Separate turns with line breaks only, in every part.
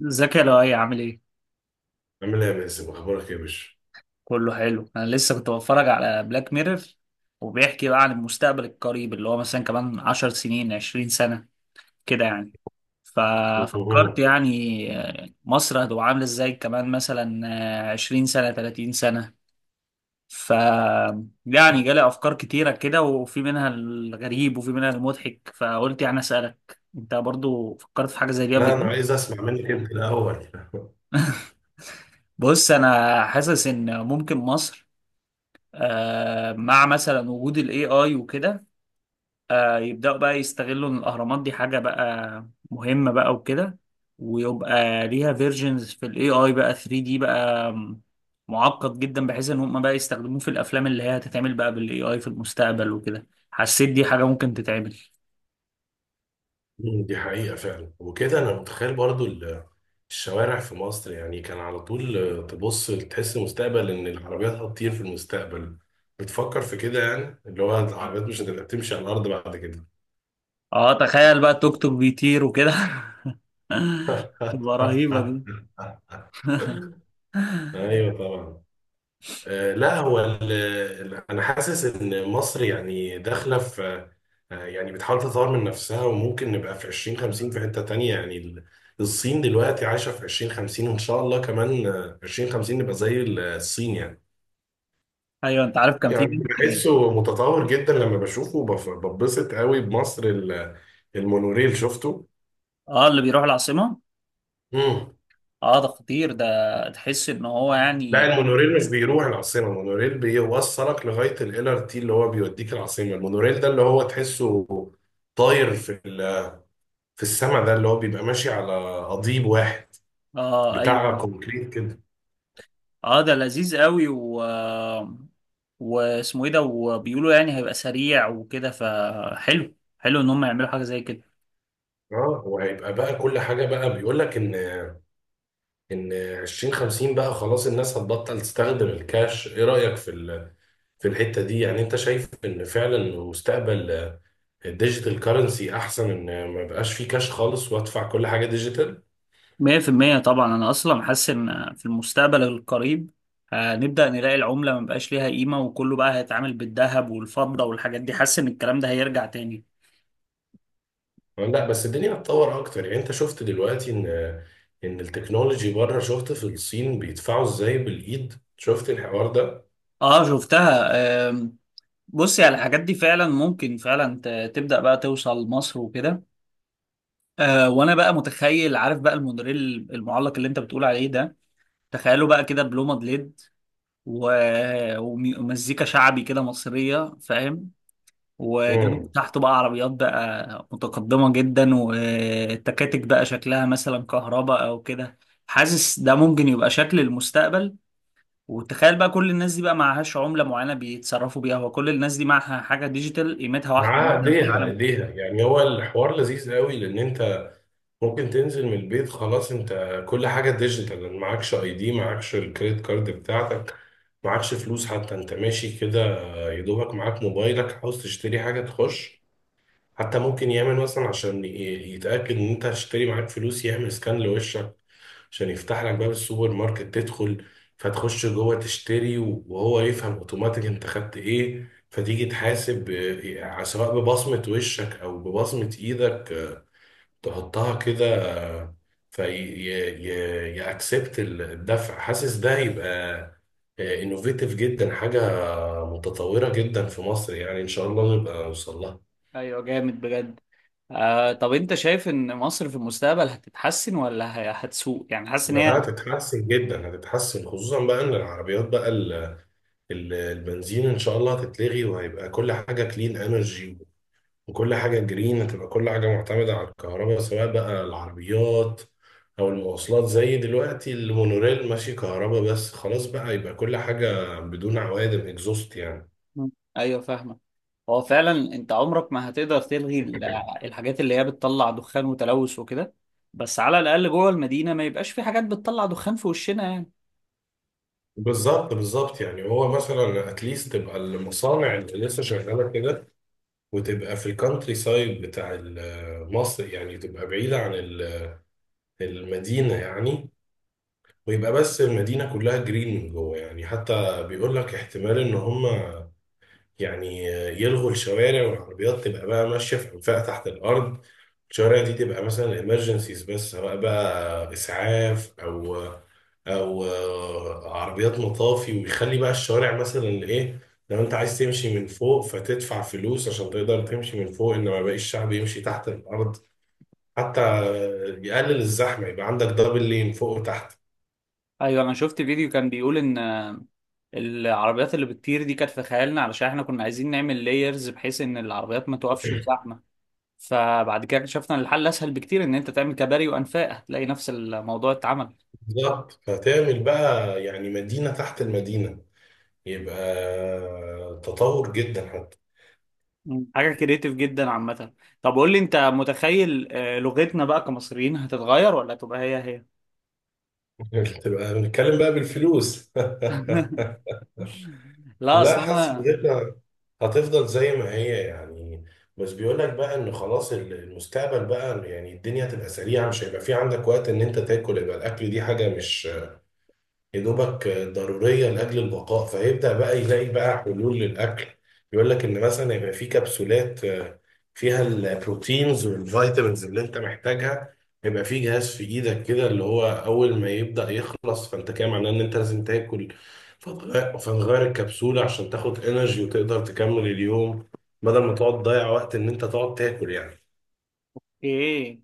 زكي لو اي عامل ايه.
عامل ايه يا باسم؟ اخبارك ايه يا باشا؟
كله حلو، انا لسه كنت بتفرج على بلاك ميرور وبيحكي بقى عن المستقبل القريب اللي هو مثلا كمان عشر سنين عشرين سنة كده يعني. ففكرت
مهم.
يعني مصر هتبقى عاملة ازاي كمان مثلا عشرين سنة تلاتين سنة. ف يعني جالي افكار كتيرة كده، وفي منها الغريب وفي منها المضحك، فقلت يعني اسألك انت برضو فكرت في حاجة زي دي قبل
لا انا
كده.
عايز اسمع منك انت الاول.
بص انا حاسس ان ممكن مصر مع مثلا وجود الاي اي وكده يبداوا بقى يستغلوا ان الاهرامات دي حاجه بقى مهمه بقى وكده، ويبقى ليها فيرجنز في الاي اي بقى 3 دي بقى معقد جدا بحيث ان هم بقى يستخدموه في الافلام اللي هي هتتعمل بقى بالاي اي في المستقبل وكده. حسيت دي حاجه ممكن تتعمل.
دي حقيقه فعلا وكده. انا متخيل برضو الشوارع في مصر، يعني كان على طول، تبص تحس المستقبل ان العربيات هتطير في المستقبل. بتفكر في كده، يعني اللي هو العربيات مش هتبقى تمشي على الارض بعد كده.
اه تخيل بقى توك توك بيطير وكده. تبقى رهيبه دي.
ايوه طبعا. لا هو انا حاسس ان مصر يعني داخله في، يعني بتحاول تطور من نفسها، وممكن نبقى في 2050 في حته تانية، يعني الصين دلوقتي عايشه في 2050، وان شاء الله كمان 2050 نبقى زي الصين يعني.
ايوه. انت عارف كان في
يعني
بنت.
بحسه متطور جدا لما بشوفه، ببسط قوي بمصر المونوريل شفته.
اه اللي بيروح العاصمه.
مم.
اه ده خطير ده، تحس ان هو
لا،
يعني.
المونوريل مش بيروح العاصمة، المونوريل بيوصلك لغاية ال LRT اللي هو بيوديك العاصمة. المونوريل ده اللي هو تحسه طاير في السما، ده اللي هو بيبقى ماشي على قضيب واحد
اه
بتاع
ايوه.
كونكريت كده.
اه ده لذيذ قوي واسمه ايه ده، وبيقولوا يعني هيبقى سريع وكده، فحلو حلو ان هم يعملوا حاجه زي كده.
اه، وهيبقى بقى كل حاجه، بقى بيقول لك ان 2050 بقى خلاص الناس هتبطل تستخدم الكاش. ايه رايك في الحته دي؟ يعني انت شايف ان فعلا مستقبل الديجيتال كارنسي احسن، ان ما يبقاش فيه كاش خالص وادفع كل حاجه ديجيتال؟
100% طبعا. انا اصلا حاسس ان في المستقبل القريب هنبدا نلاقي العمله ما بقاش ليها قيمه، وكله بقى هيتعامل بالذهب والفضه والحاجات دي. حاسس ان الكلام ده هيرجع تاني.
لا بس الدنيا هتطور اكتر، يعني انت شفت دلوقتي ان التكنولوجي بره، شفت في الصين بيدفعوا ازاي بالايد؟ شفت الحوار
اه شفتها. آم، بصي على الحاجات دي فعلا ممكن فعلا تبدا بقى توصل مصر وكده. آه وانا بقى متخيل، عارف بقى المونوريل المعلق اللي انت بتقول عليه ده، تخيله بقى كده بلومد ليد و... ومزيكا شعبي كده مصرية، فاهم؟ وجنب
ده؟
تحته بقى عربيات بقى متقدمة جدا، والتكاتك بقى شكلها مثلا كهرباء او كده. حاسس ده ممكن يبقى شكل المستقبل. وتخيل بقى كل الناس دي بقى معهاش عملة معينة بيتصرفوا بيها، وكل الناس دي معها حاجة ديجيتال قيمتها واحدة
معاه
مثلا في
ايديها
العالم.
ايديها. يعني هو الحوار لذيذ قوي لان انت ممكن تنزل من البيت خلاص، انت كل حاجه ديجيتال. معكش اي دي، معكش الكريدت كارد بتاعتك، معكش فلوس، حتى انت ماشي كده يا دوبك معاك موبايلك. عاوز تشتري حاجه تخش. حتى ممكن يعمل مثلا عشان يتاكد ان انت هتشتري، معاك فلوس، يعمل سكان لوشك عشان يفتح لك باب السوبر ماركت تدخل. فتخش جوه تشتري، وهو يفهم اوتوماتيك انت خدت ايه، فتيجي تحاسب، سواء ببصمة وشك او ببصمة ايدك، تحطها كده آه، في يأكسبت الدفع. حاسس ده هيبقى انوفيتيف جدا، حاجة متطورة جدا في مصر. يعني ان شاء الله نبقى نوصل لها.
ايوه جامد بجد. آه طب انت شايف ان مصر في المستقبل هتتحسن ولا هتسوء؟ يعني حاسس ان هي.
لا، هتتحسن جدا، هتتحسن خصوصا بقى ان العربيات بقى البنزين ان شاء الله هتتلغي، وهيبقى كل حاجه كلين انرجي، وكل حاجه جرين. هتبقى كل حاجه معتمده على الكهرباء، سواء بقى العربيات او المواصلات. زي دلوقتي المونوريل ماشي كهرباء بس خلاص، بقى يبقى كل حاجه بدون عوادم اكزوست يعني.
مم. ايوه فاهمه. هو فعلا انت عمرك ما هتقدر تلغي الحاجات اللي هي بتطلع دخان وتلوث وكده، بس على الاقل جوه المدينه ما يبقاش في حاجات بتطلع دخان في وشنا يعني.
بالظبط بالظبط. يعني هو مثلا اتليست تبقى المصانع اللي لسه شغاله كده وتبقى في الكانتري سايد بتاع مصر، يعني تبقى بعيده عن المدينه يعني. ويبقى بس المدينة كلها جرين من جوه يعني. حتى بيقول لك احتمال ان هم يعني يلغوا الشوارع، والعربيات تبقى بقى ماشية في أنفاق تحت الأرض. الشوارع دي تبقى مثلا الامرجنسيز بس، سواء بقى إسعاف أو عربيات مطافي. ويخلي بقى الشوارع مثلا إيه، لو أنت عايز تمشي من فوق فتدفع فلوس عشان تقدر تمشي من فوق، إنما باقي الشعب يمشي تحت الأرض. حتى يقلل الزحمة، يبقى عندك دبل لين فوق وتحت.
ايوه انا شفت فيديو كان بيقول ان العربيات اللي بتطير دي كانت في خيالنا علشان احنا كنا عايزين نعمل لايرز بحيث ان العربيات ما توقفش في زحمه. فبعد كده اكتشفنا ان الحل اسهل بكتير، ان انت تعمل كباري وانفاق. هتلاقي نفس الموضوع اتعمل.
بالظبط. فتعمل بقى يعني مدينة تحت المدينة، يبقى تطور جدا حتى.
مم. حاجة كريتيف جدا عامة. طب قول لي، انت متخيل لغتنا بقى كمصريين هتتغير ولا تبقى هي هي؟
تبقى بنتكلم بقى بالفلوس.
لا
لا،
اصل
حاسس
انا.
بجد هتفضل زي ما هي يعني. بس بيقول لك بقى ان خلاص المستقبل بقى يعني الدنيا هتبقى سريعة، مش هيبقى في عندك وقت ان انت تاكل. يبقى الاكل دي حاجة مش يا دوبك ضرورية لأجل البقاء، فيبدأ بقى يلاقي بقى حلول للأكل. يقول لك إن مثلا يبقى في كبسولات فيها البروتينز والفيتامينز اللي أنت محتاجها. يبقى في جهاز في إيدك كده اللي هو أول ما يبدأ يخلص فأنت كده معناه إن أنت لازم تاكل. فتغير الكبسولة عشان تاخد إنرجي وتقدر تكمل اليوم، بدل ما تقعد تضيع وقت إن أنت تقعد تاكل يعني.
ايه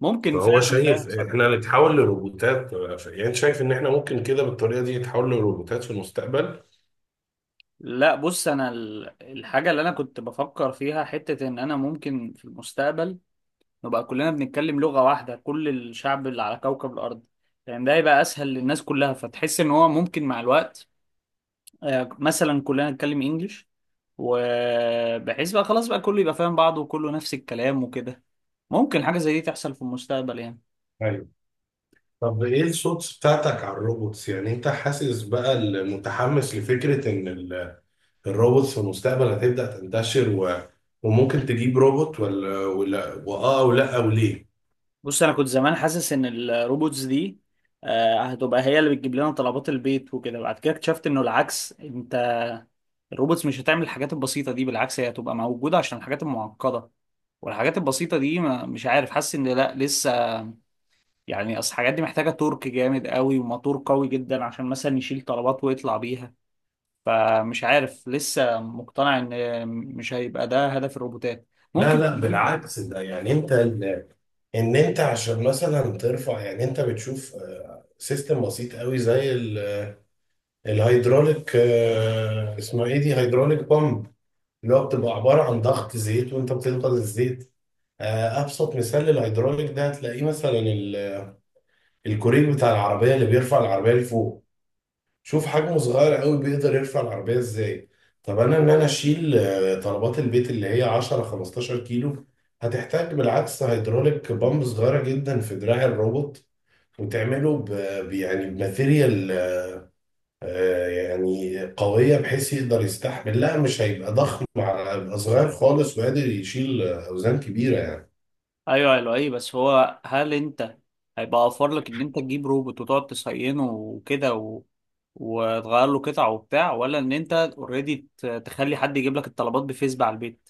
ممكن
فهو
فعلا ده
شايف
يحصل.
إحنا نتحول لروبوتات. يعني شايف إن إحنا ممكن كده بالطريقة دي نتحول لروبوتات في المستقبل.
لا بص، انا الحاجة اللي انا كنت بفكر فيها حتة ان انا ممكن في المستقبل نبقى كلنا بنتكلم لغة واحدة، كل الشعب اللي على كوكب الارض، لان ده يبقى اسهل للناس كلها. فتحس ان هو ممكن مع الوقت مثلا كلنا نتكلم انجلش، وبحيث بقى خلاص بقى كله يبقى فاهم بعضه وكله نفس الكلام وكده. ممكن حاجة زي دي تحصل في المستقبل يعني.
ايوه. طب ايه الصوت بتاعتك على الروبوتس؟ يعني انت حاسس بقى، المتحمس لفكرة ان الروبوتس في المستقبل هتبدأ تنتشر، وممكن تجيب روبوت، ولا واه، او لا، او ليه؟
بص أنا كنت زمان حاسس إن الروبوتس دي هتبقى هي اللي بتجيب لنا طلبات البيت وكده. بعد كده اكتشفت إنه العكس، أنت الروبوتس مش هتعمل الحاجات البسيطة دي. بالعكس هي هتبقى موجودة عشان الحاجات المعقدة. والحاجات البسيطة دي ما مش عارف، حاسس إن لأ لسه. يعني أصل الحاجات دي محتاجة تورك جامد قوي وموتور قوي جدا عشان مثلا يشيل طلبات ويطلع بيها. فمش عارف، لسه مقتنع ان مش هيبقى ده هدف الروبوتات.
لا
ممكن
لا،
تجيب.
بالعكس. ده يعني ان انت عشان مثلا ترفع، يعني انت بتشوف سيستم بسيط قوي زي الهيدروليك. اسمها ايه دي، هيدروليك بامب، اللي هو بتبقى عبارة عن ضغط زيت وانت بتضغط الزيت. ابسط مثال للهيدروليك ده هتلاقيه مثلا الكوريك بتاع العربيه اللي بيرفع العربيه لفوق. شوف حجمه صغير قوي، بيقدر يرفع العربيه ازاي. طب انا، ان انا اشيل طلبات البيت اللي هي 10 15 كيلو، هتحتاج بالعكس هيدروليك بامب صغيره جدا في دراع الروبوت. وتعمله ب يعني بماتيريال، يعني قويه بحيث يقدر يستحمل. لا، مش هيبقى ضخم هيبقى صغير خالص وقادر يشيل اوزان كبيره يعني.
ايوه ايوه، ايه بس هو هل انت هيبقى اوفر لك ان انت تجيب روبوت وتقعد تصينه وكده و... وتغير له قطع وبتاع؟ ولا ان انت اوريدي تخلي حد يجيب لك الطلبات بفيسبوك على البيت؟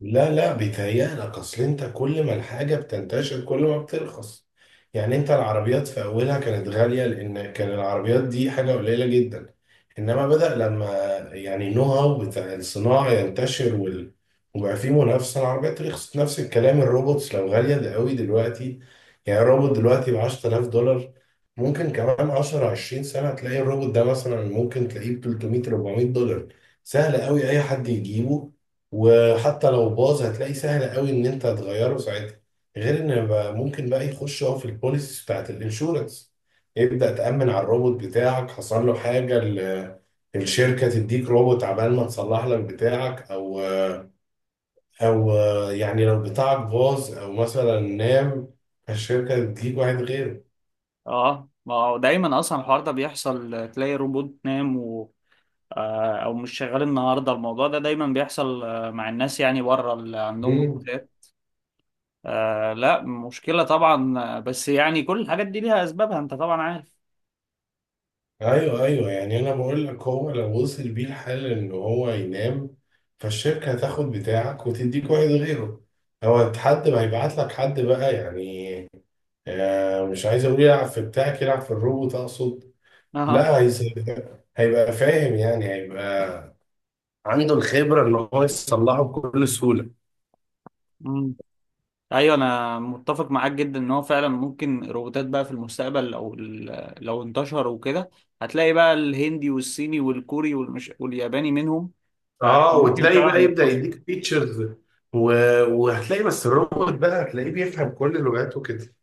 لا لا، بيتهيألك. اصل انت كل ما الحاجه بتنتشر كل ما بترخص، يعني انت العربيات في اولها كانت غاليه لان كان العربيات دي حاجه قليله جدا. انما بدأ لما يعني النو هاو بتاع الصناعه ينتشر وبقى في منافسه، العربيات رخصت. نفس الكلام الروبوتس. لو غاليه ده قوي دلوقتي، يعني الروبوت دلوقتي ب 10,000 دولار، ممكن كمان 10 20 سنه تلاقي الروبوت ده مثلا ممكن تلاقيه ب 300 400 دولار. سهل قوي اي حد يجيبه. وحتى لو باظ هتلاقي سهل قوي ان انت تغيره ساعتها. غير ان بقى ممكن بقى يخش هو في البوليسيز بتاعت الانشورنس. يبدأ تأمن على الروبوت بتاعك، حصل له حاجة الشركة تديك روبوت عبال ما تصلح لك بتاعك. او يعني لو بتاعك باظ او مثلا نام، الشركة تديك واحد
اه ما هو دايما اصلا الحوار ده بيحصل، تلاقي روبوت نام و... او مش شغال النهارده. الموضوع ده دايما بيحصل مع الناس يعني بره اللي عندهم
غيره.
روبوتات. آه لا مشكلة طبعا بس يعني كل الحاجات دي ليها أسبابها، أنت طبعا عارف.
ايوه ايوه. يعني انا بقول لك، هو لو وصل بيه الحال ان هو ينام، فالشركه هتاخد بتاعك وتديك واحد غيره. هو حد ما هيبعت لك حد بقى يعني. آه، مش عايز اقول يلعب في بتاعك، يلعب في الروبوت اقصد.
اه.
لا هيسيبك. هيبقى فاهم يعني، هيبقى عنده الخبره ان هو يصلحه بكل سهوله.
مم. أيوة، أنا متفق معاك جدا إن هو فعلا ممكن الروبوتات بقى في المستقبل لو لو انتشروا وكده، هتلاقي بقى الهندي والصيني والكوري والياباني منهم.
اه،
فممكن
وتلاقي
فعلا
بقى يبدا
يتحصل.
يديك فيتشرز و... وهتلاقي بس الروبوت بقى هتلاقيه بيفهم كل لغاته كده.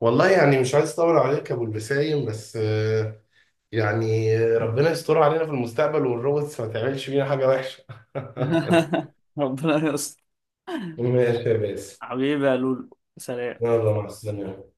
والله يعني مش عايز اطول عليك يا ابو البسايم، بس يعني ربنا يستر علينا في المستقبل والروبوتس ما تعملش فينا حاجه وحشه.
ربنا يستر.
ماشي يا باسم.
حبيبي يا لولو سلام.
يلا مع السلامه.